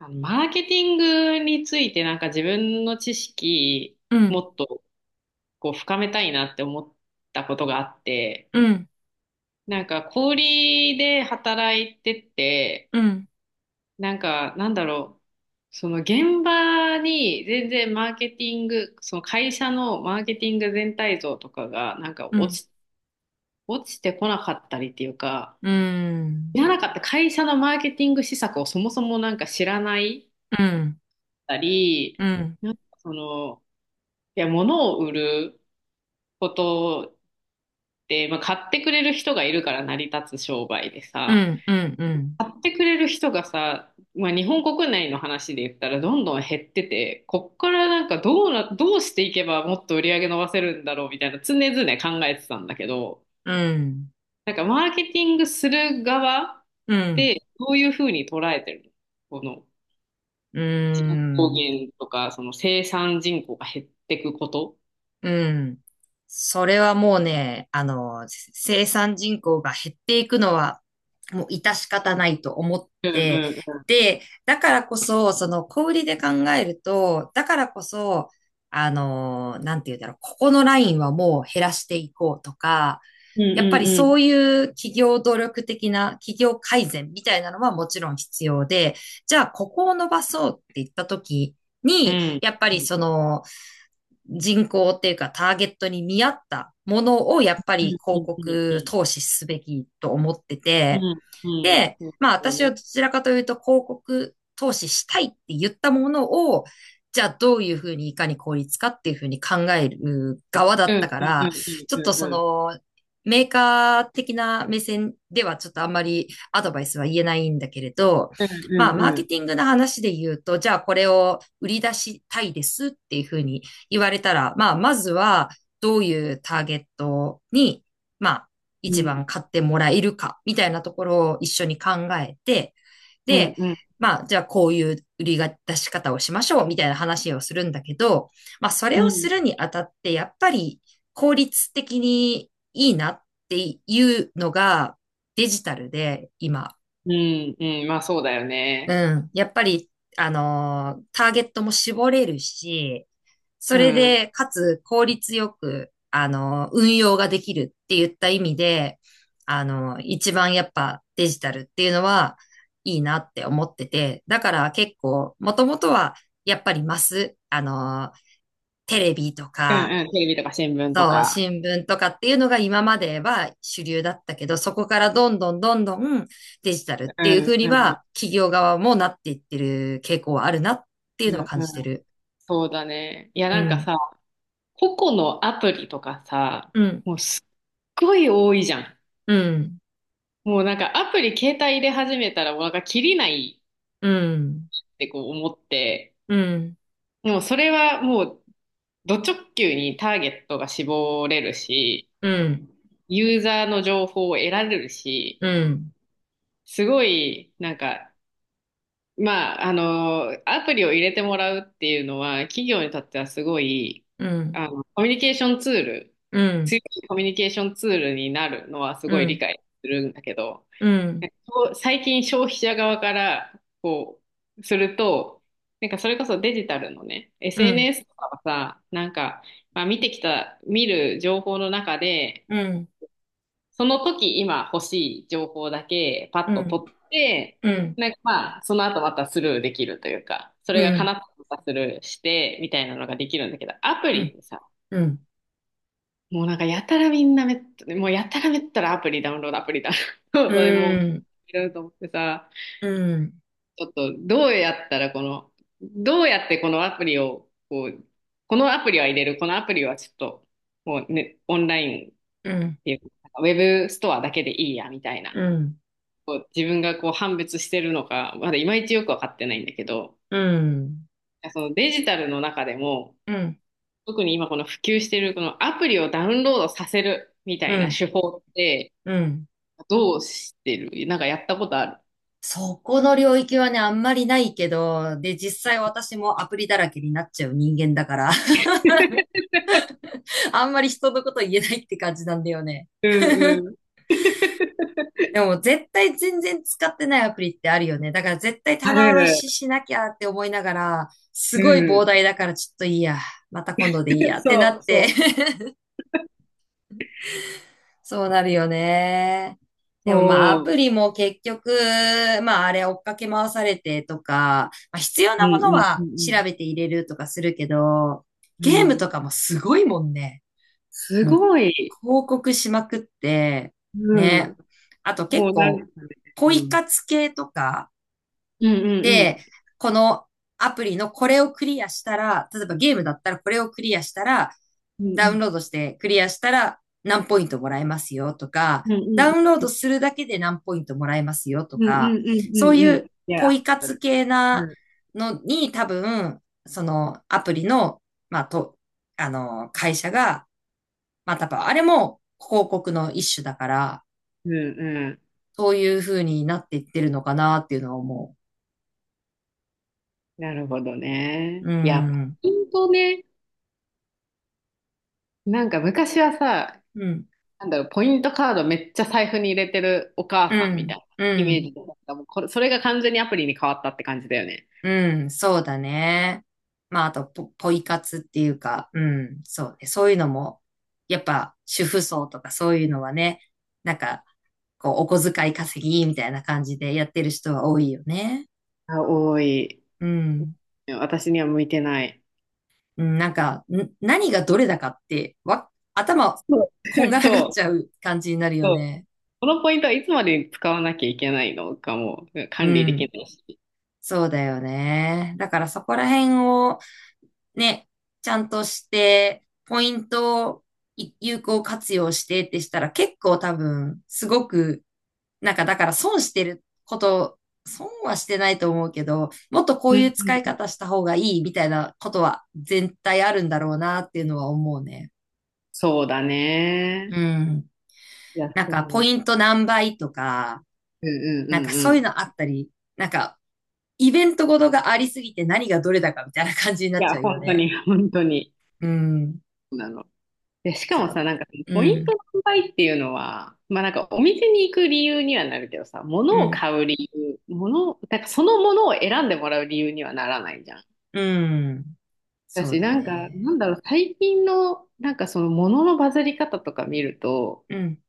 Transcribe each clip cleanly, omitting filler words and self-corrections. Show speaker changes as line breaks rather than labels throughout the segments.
マーケティングについて自分の知識
う
も
ん、
っと深めたいなって思ったことがあって、
うん、
なんか小売りで働いてて、
うん、
なんかなんだろその現場に全然マーケティング、その会社のマーケティング全体像とかが
うん、
落ちてこなかったりっていうか、
うん、うん、
知らなかった会社のマーケティング施策をそもそもなんか知らないっ
うん、
たり、
うん、
なんかその、物を売ることって、まあ、買ってくれる人がいるから成り立つ商売で
う
さ、
ん、うん、うん、
買ってくれる人がさ、まあ、日本国内の話で言ったらどんどん減ってて、こっからどうしていけばもっと売り上げ伸ばせるんだろうみたいな常々考えてたんだけど、
うん、
なんかマーケティングする側ってどういうふうに捉えてるのこの
う
人口
ん、
減とか、その生産人口が減っていくこと。
うん。それはもうね、生産人口が減っていくのは、もう致し方ないと思っ
うんう
て、
んうん。
で、だからこそ、その小売りで考えると、だからこそ、なんて言うんだろう、ここのラインはもう減らしていこうとか、
うん
やっぱり
う
そ
ん
ういう企業努力的な企業改善みたいなのはもちろん必要で、じゃあここを伸ばそうって言った時
うん。
に、
うん。
やっぱりその人口っていうかターゲットに見合ったものをやっぱり
うんう
広
んうんう
告
ん。
投資すべきと思って
う
て、
んうん。
で、
そう
まあ
そう
私は
ね。
どちらかというと広告投資したいって言ったものを、じゃあどういうふうにいかに効率かっていうふうに考える側だ
う
っ
ん
たか
うんう
ら、
んうん
ちょっとそ
うんうん。
のメーカー的な目線ではちょっとあんまりアドバイスは言えないんだけれど、まあマーケティングの話で言うと、じゃあこれを売り出したいですっていうふうに言われたら、まあまずはどういうターゲットに、まあ
う
一
ん
番買ってもらえるか、みたいなところを一緒に考えて、
うん
で、
うんうん。うん
まあ、じゃあこういう売り出し方をしましょう、みたいな話をするんだけど、まあ、それをするにあたって、やっぱり効率的にいいなっていうのがデジタルで今
うんうん。まあそうだよ
う
ね。
ん。やっぱり、ターゲットも絞れるし、そ
う
れ
ん。う
で、
ん
かつ効率よく、運用ができるって言った意味で、一番やっぱデジタルっていうのはいいなって思ってて、だから結構、もともとはやっぱりマス、テレビと
う
か、
ん。テレビとか新聞とか。うんうんうんうん。そうだね。いやさ、個々のアプリとかさ、もうすっごい多いじゃん。もうなんかアプリ携帯入れ始めたらもうなんかキリないってこう思って、でもそれはもう、ド直球にターゲットが絞れるし、ユーザーの情報を得られるし、すごい、なんか、まあ、あの、アプリを入れてもらうっていうのは、企業にとってはすごい、あの、コミュニケーションツール、強いコミュニケーションツールになるのはすごい理解するんだけど、そう最近消費者側からこうすると、なんかそれこそデジタルのね、SNS とかはさ、まあ、見てきた、見る情報の中で、その時今欲しい情報だけパッと取って、なんかまあ、その後またスルーできるというか、それが叶ったらまたスルーして、みたいなのができるんだけど、アプリってさ、もうなんかやたらみんなめっ、もうやたらめったらアプリダウンロード、それもう、いろいろと思ってさ、ちょっとどうやったらこの、どうやってこのアプリを、こう、このアプリは入れる、このアプリはちょっと、もうね、オンラインっていうか、ウェブストアだけでいいや、みたいな。こう自分がこう判別してるのか、まだいまいちよくわかってないんだけど、そのデジタルの中でも、特に今この普及してるこのアプリをダウンロードさせるみたいな手法ってどうしてるなんかやったことある。
そこの領域はね、あんまりないけど、で、実際私もアプリだらけになっちゃう人間だから、あんまり人のこと言えないって感じなんだよね。
うんうん。
でも絶対全然使ってないアプリってあるよね。だから絶対
あ
棚
る。
卸ししなきゃって思いながら、す
う
ごい膨
ん。
大だからちょっといいや。また今度でいいや ってな
そう
って
そう。
そうなるよね。でもまあア
そ
プ
う。
リも結局、まああれ追っかけ回されてとか、まあ、必要
うん
なもの
うんう
は調
ん
べて入れるとかするけど、
うん。う
ゲーム
ん。
とかもすごいもんね。
す
もう
ごい。
広告しまくって、
う
ね。
ん。
あと結
もうなんか、
構、
う
ポ
ん。う
イ
ん
活系とか、
うんうん。
で、このアプリのこれをクリアしたら、例えばゲームだったらこれをクリアしたら、
う
ダウン
ん
ロードしてクリアしたら何ポイントもらえますよとか、
うんう
ダウン
ん
ロードするだけで何ポイントもらえますよと
うんうんう
か、
んうんう
そうい
んう
う
ん。いや、
ポイ活系
う
な
ん
のに多分、そのアプリの、まあ、と、あの、会社が、まあ、多分あれも広告の一種だから、
うんうん。
そういう風になっていってるのかなっていうのは思
なるほどね。
う。う
いや、ポ
ん。
イントね。なんか昔はさ、
うん。
なんだろう、ポイントカードめっちゃ財布に入れてるお
う
母さんみたい
ん、
な
う
イメー
ん、
ジで、なんかもうこれ、それが完全にアプリに変わったって感じだよね。
うん、そうだね。まあ、あとポイ活っていうか、うん、そうね。そういうのも、やっぱ、主婦層とかそういうのはね、なんか、こう、お小遣い稼ぎみたいな感じでやってる人は多いよね。
あ、多い。
うん。
私には向いてない。
うんなんか、何がどれだかって、頭、
そう。
こんが らがっ
そ
ちゃ
う
う感じになるよ
そう。
ね。
このポイントはいつまでに使わなきゃいけないのかも
う
管理でき
ん。
ないし。
そうだよね。だからそこら辺を、ね、ちゃんとして、ポイントを有効活用してってしたら結構多分、すごく、なんかだから損してること、損はしてないと思うけど、もっとこ
う
ういう
ん
使い
うん。
方した方がいいみたいなことは絶対あるんだろうなっていうのは思うね。
そうだ
う
ね。
ん。
いや、
なん
そ
かポ
う。
イント何倍とか、
うんう
なん
んう
か
んうん。
そういうのあ
い
ったり、なんかイベントごとがありすぎて何がどれだかみたいな感じになっ
や、
ちゃうよ
本当
ね。
に、本当に。
うん。
そうなの。で、しか
そ
もさ、
う。
なんか、ポ
う
イント
ん。
の販売っていうのは、まあなんか、お店に行く理由にはなるけどさ、物
う
を
ん。
買う理由、物なんからそのものを選んでもらう理由にはならないじゃん。
うん。
だ
そう
し、
だね。
最近の、なんかその物のバズり方とか見ると、
うん。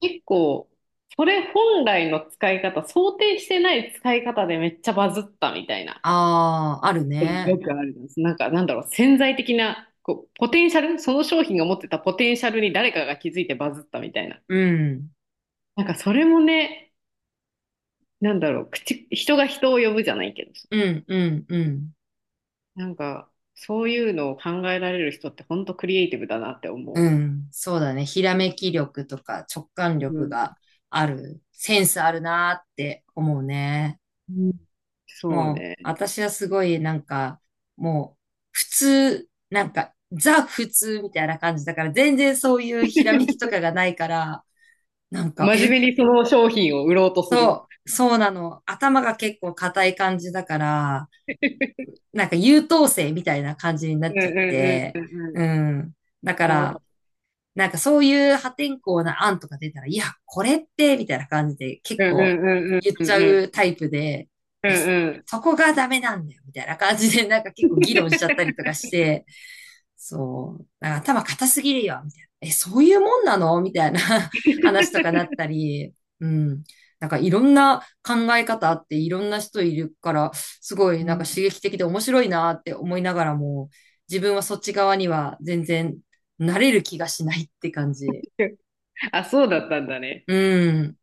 結構、それ本来の使い方、想定してない使い方でめっちゃバズったみたいな。
ああ、あるね。
よくあるんです。潜在的な、こう、ポテンシャル、その商品が持ってたポテンシャルに誰かが気づいてバズったみたいな。
うん。
なんか、それもね、人が人を呼ぶじゃないけど、
うん、うん、うん。
なんか、そういうのを考えられる人って本当クリエイティブだなって思
うん。そうだね。ひらめき力とか直感
う。う
力
ん。
がある。センスあるなーって思うね。
うんそう
もう、
ね。
私はすごいなんか、もう、普通、なんか、ザ普通みたいな感じだから、全然そういうひらめきとかがないから、なんか、
真
え、
面目にその商品を売ろうとする。
そうなの。頭が結構硬い感じだから、なんか優等生みたいな感じにな
う
っ
ん
ちゃっ
うん
て、
うんうんう
う
ん。
ん。だか
いや、わか
ら、なんかそういう破天荒な案とか出たら、いや、これって、みたいな感じで結
うんう
構
んうん
言っ
う
ちゃ
んうん。
うタイプで、
う
い
ん
や、そ
うん。
そこがダメなんだよ、みたいな感じで、なんか結構議論しちゃったりとかして、そう、なんか頭固すぎるよ、みたいな。え、そういうもんなのみたいな 話とかなったり、うん。なんかいろんな考え方あっていろんな人いるから、すごい
う
なんか
ん
刺 激的で面白いなって思いながらも、自分はそっち側には全然慣れる気がしないって感じ。
あ、そうだったんだね。
うん。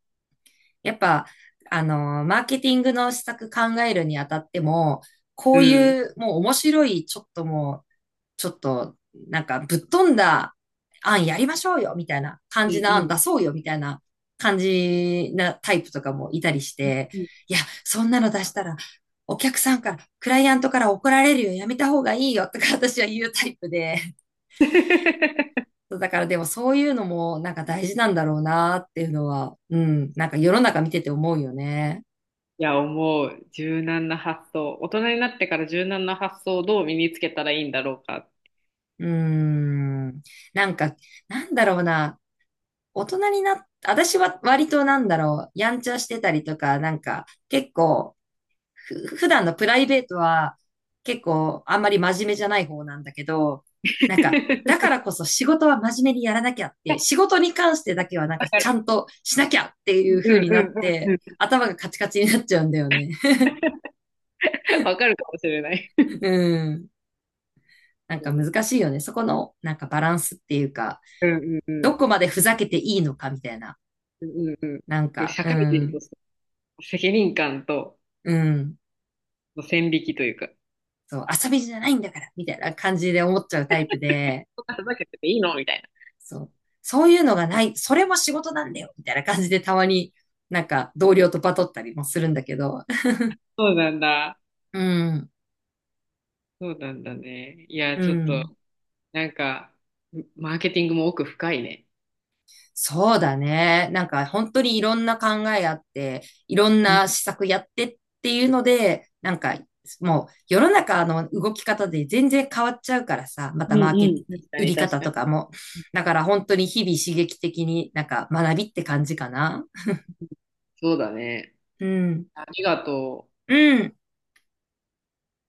やっぱ、マーケティングの施策考えるにあたっても、こ
う
う
ん。
いうもう面白い、ちょっともう、ちょっと、なんかぶっ飛んだ案やりましょうよ、みたいな感
うん
じの案
う
出そうよ、みたいな感じなタイプとかもいたりし
ん。
て、
うん
いや、そんなの出したら、お客さんから、クライアントから怒られるよ、やめた方がいいよ、とか私は言うタイプで、だからでもそういうのもなんか大事なんだろうなっていうのは、うん、なんか世の中見てて思うよね。
いや、思う。柔軟な発想。大人になってから柔軟な発想をどう身につけたらいいんだろうか。
うーん。なんか、なんだろうな。大人になっ、私は割となんだろう、やんちゃしてたりとか、なんか結構、普段のプライベートは結構あんまり真面目じゃない方なんだけど、なんか、だか らこそ仕事は真面目にやらなきゃって、仕事に関してだけはなん
わ
か
か
ちゃ
る。
んとしなきゃって
う
い
ん
う風にな
うん
っ
うん
て、
うん。
頭がカチカチになっちゃうんだよね。
わかるかもしれない。
うん。
う
なんか
ん
難しいよね。そこの、なんかバランスっていうか、
うんうんう
ど
ん。
こまでふざけていいのかみたいな。
うん
なん
うん
か、
社
う
会人と
ん、
して責任感と
うん。
の線引きというか、
そう、遊びじゃないんだから、みたいな感じで思っちゃうタイプで、
そんなふざけてていいのみたいな。
そう、そういうのがない、それも仕事なんだよ、みたいな感じでたまに、なんか同僚とバトったりもするんだけど、
そうなんだ。
うん、
そうなんだね。いや、
う
ちょっ
ん。
と。なんか、マーケティングも奥深いね。
そうだね。なんか本当にいろんな考えあって、いろん
うん
な施策やってっていうので、なんかもう世の中の動き方で全然変わっちゃうからさ、ま
う
た
ん
マーケ
う
ット、
ん。確か
売
に
り
確
方
かに。
とかも。だから本当に日々刺激的になんか学びって感じかな。
そうだね。
うん。
ありがとう。
うん。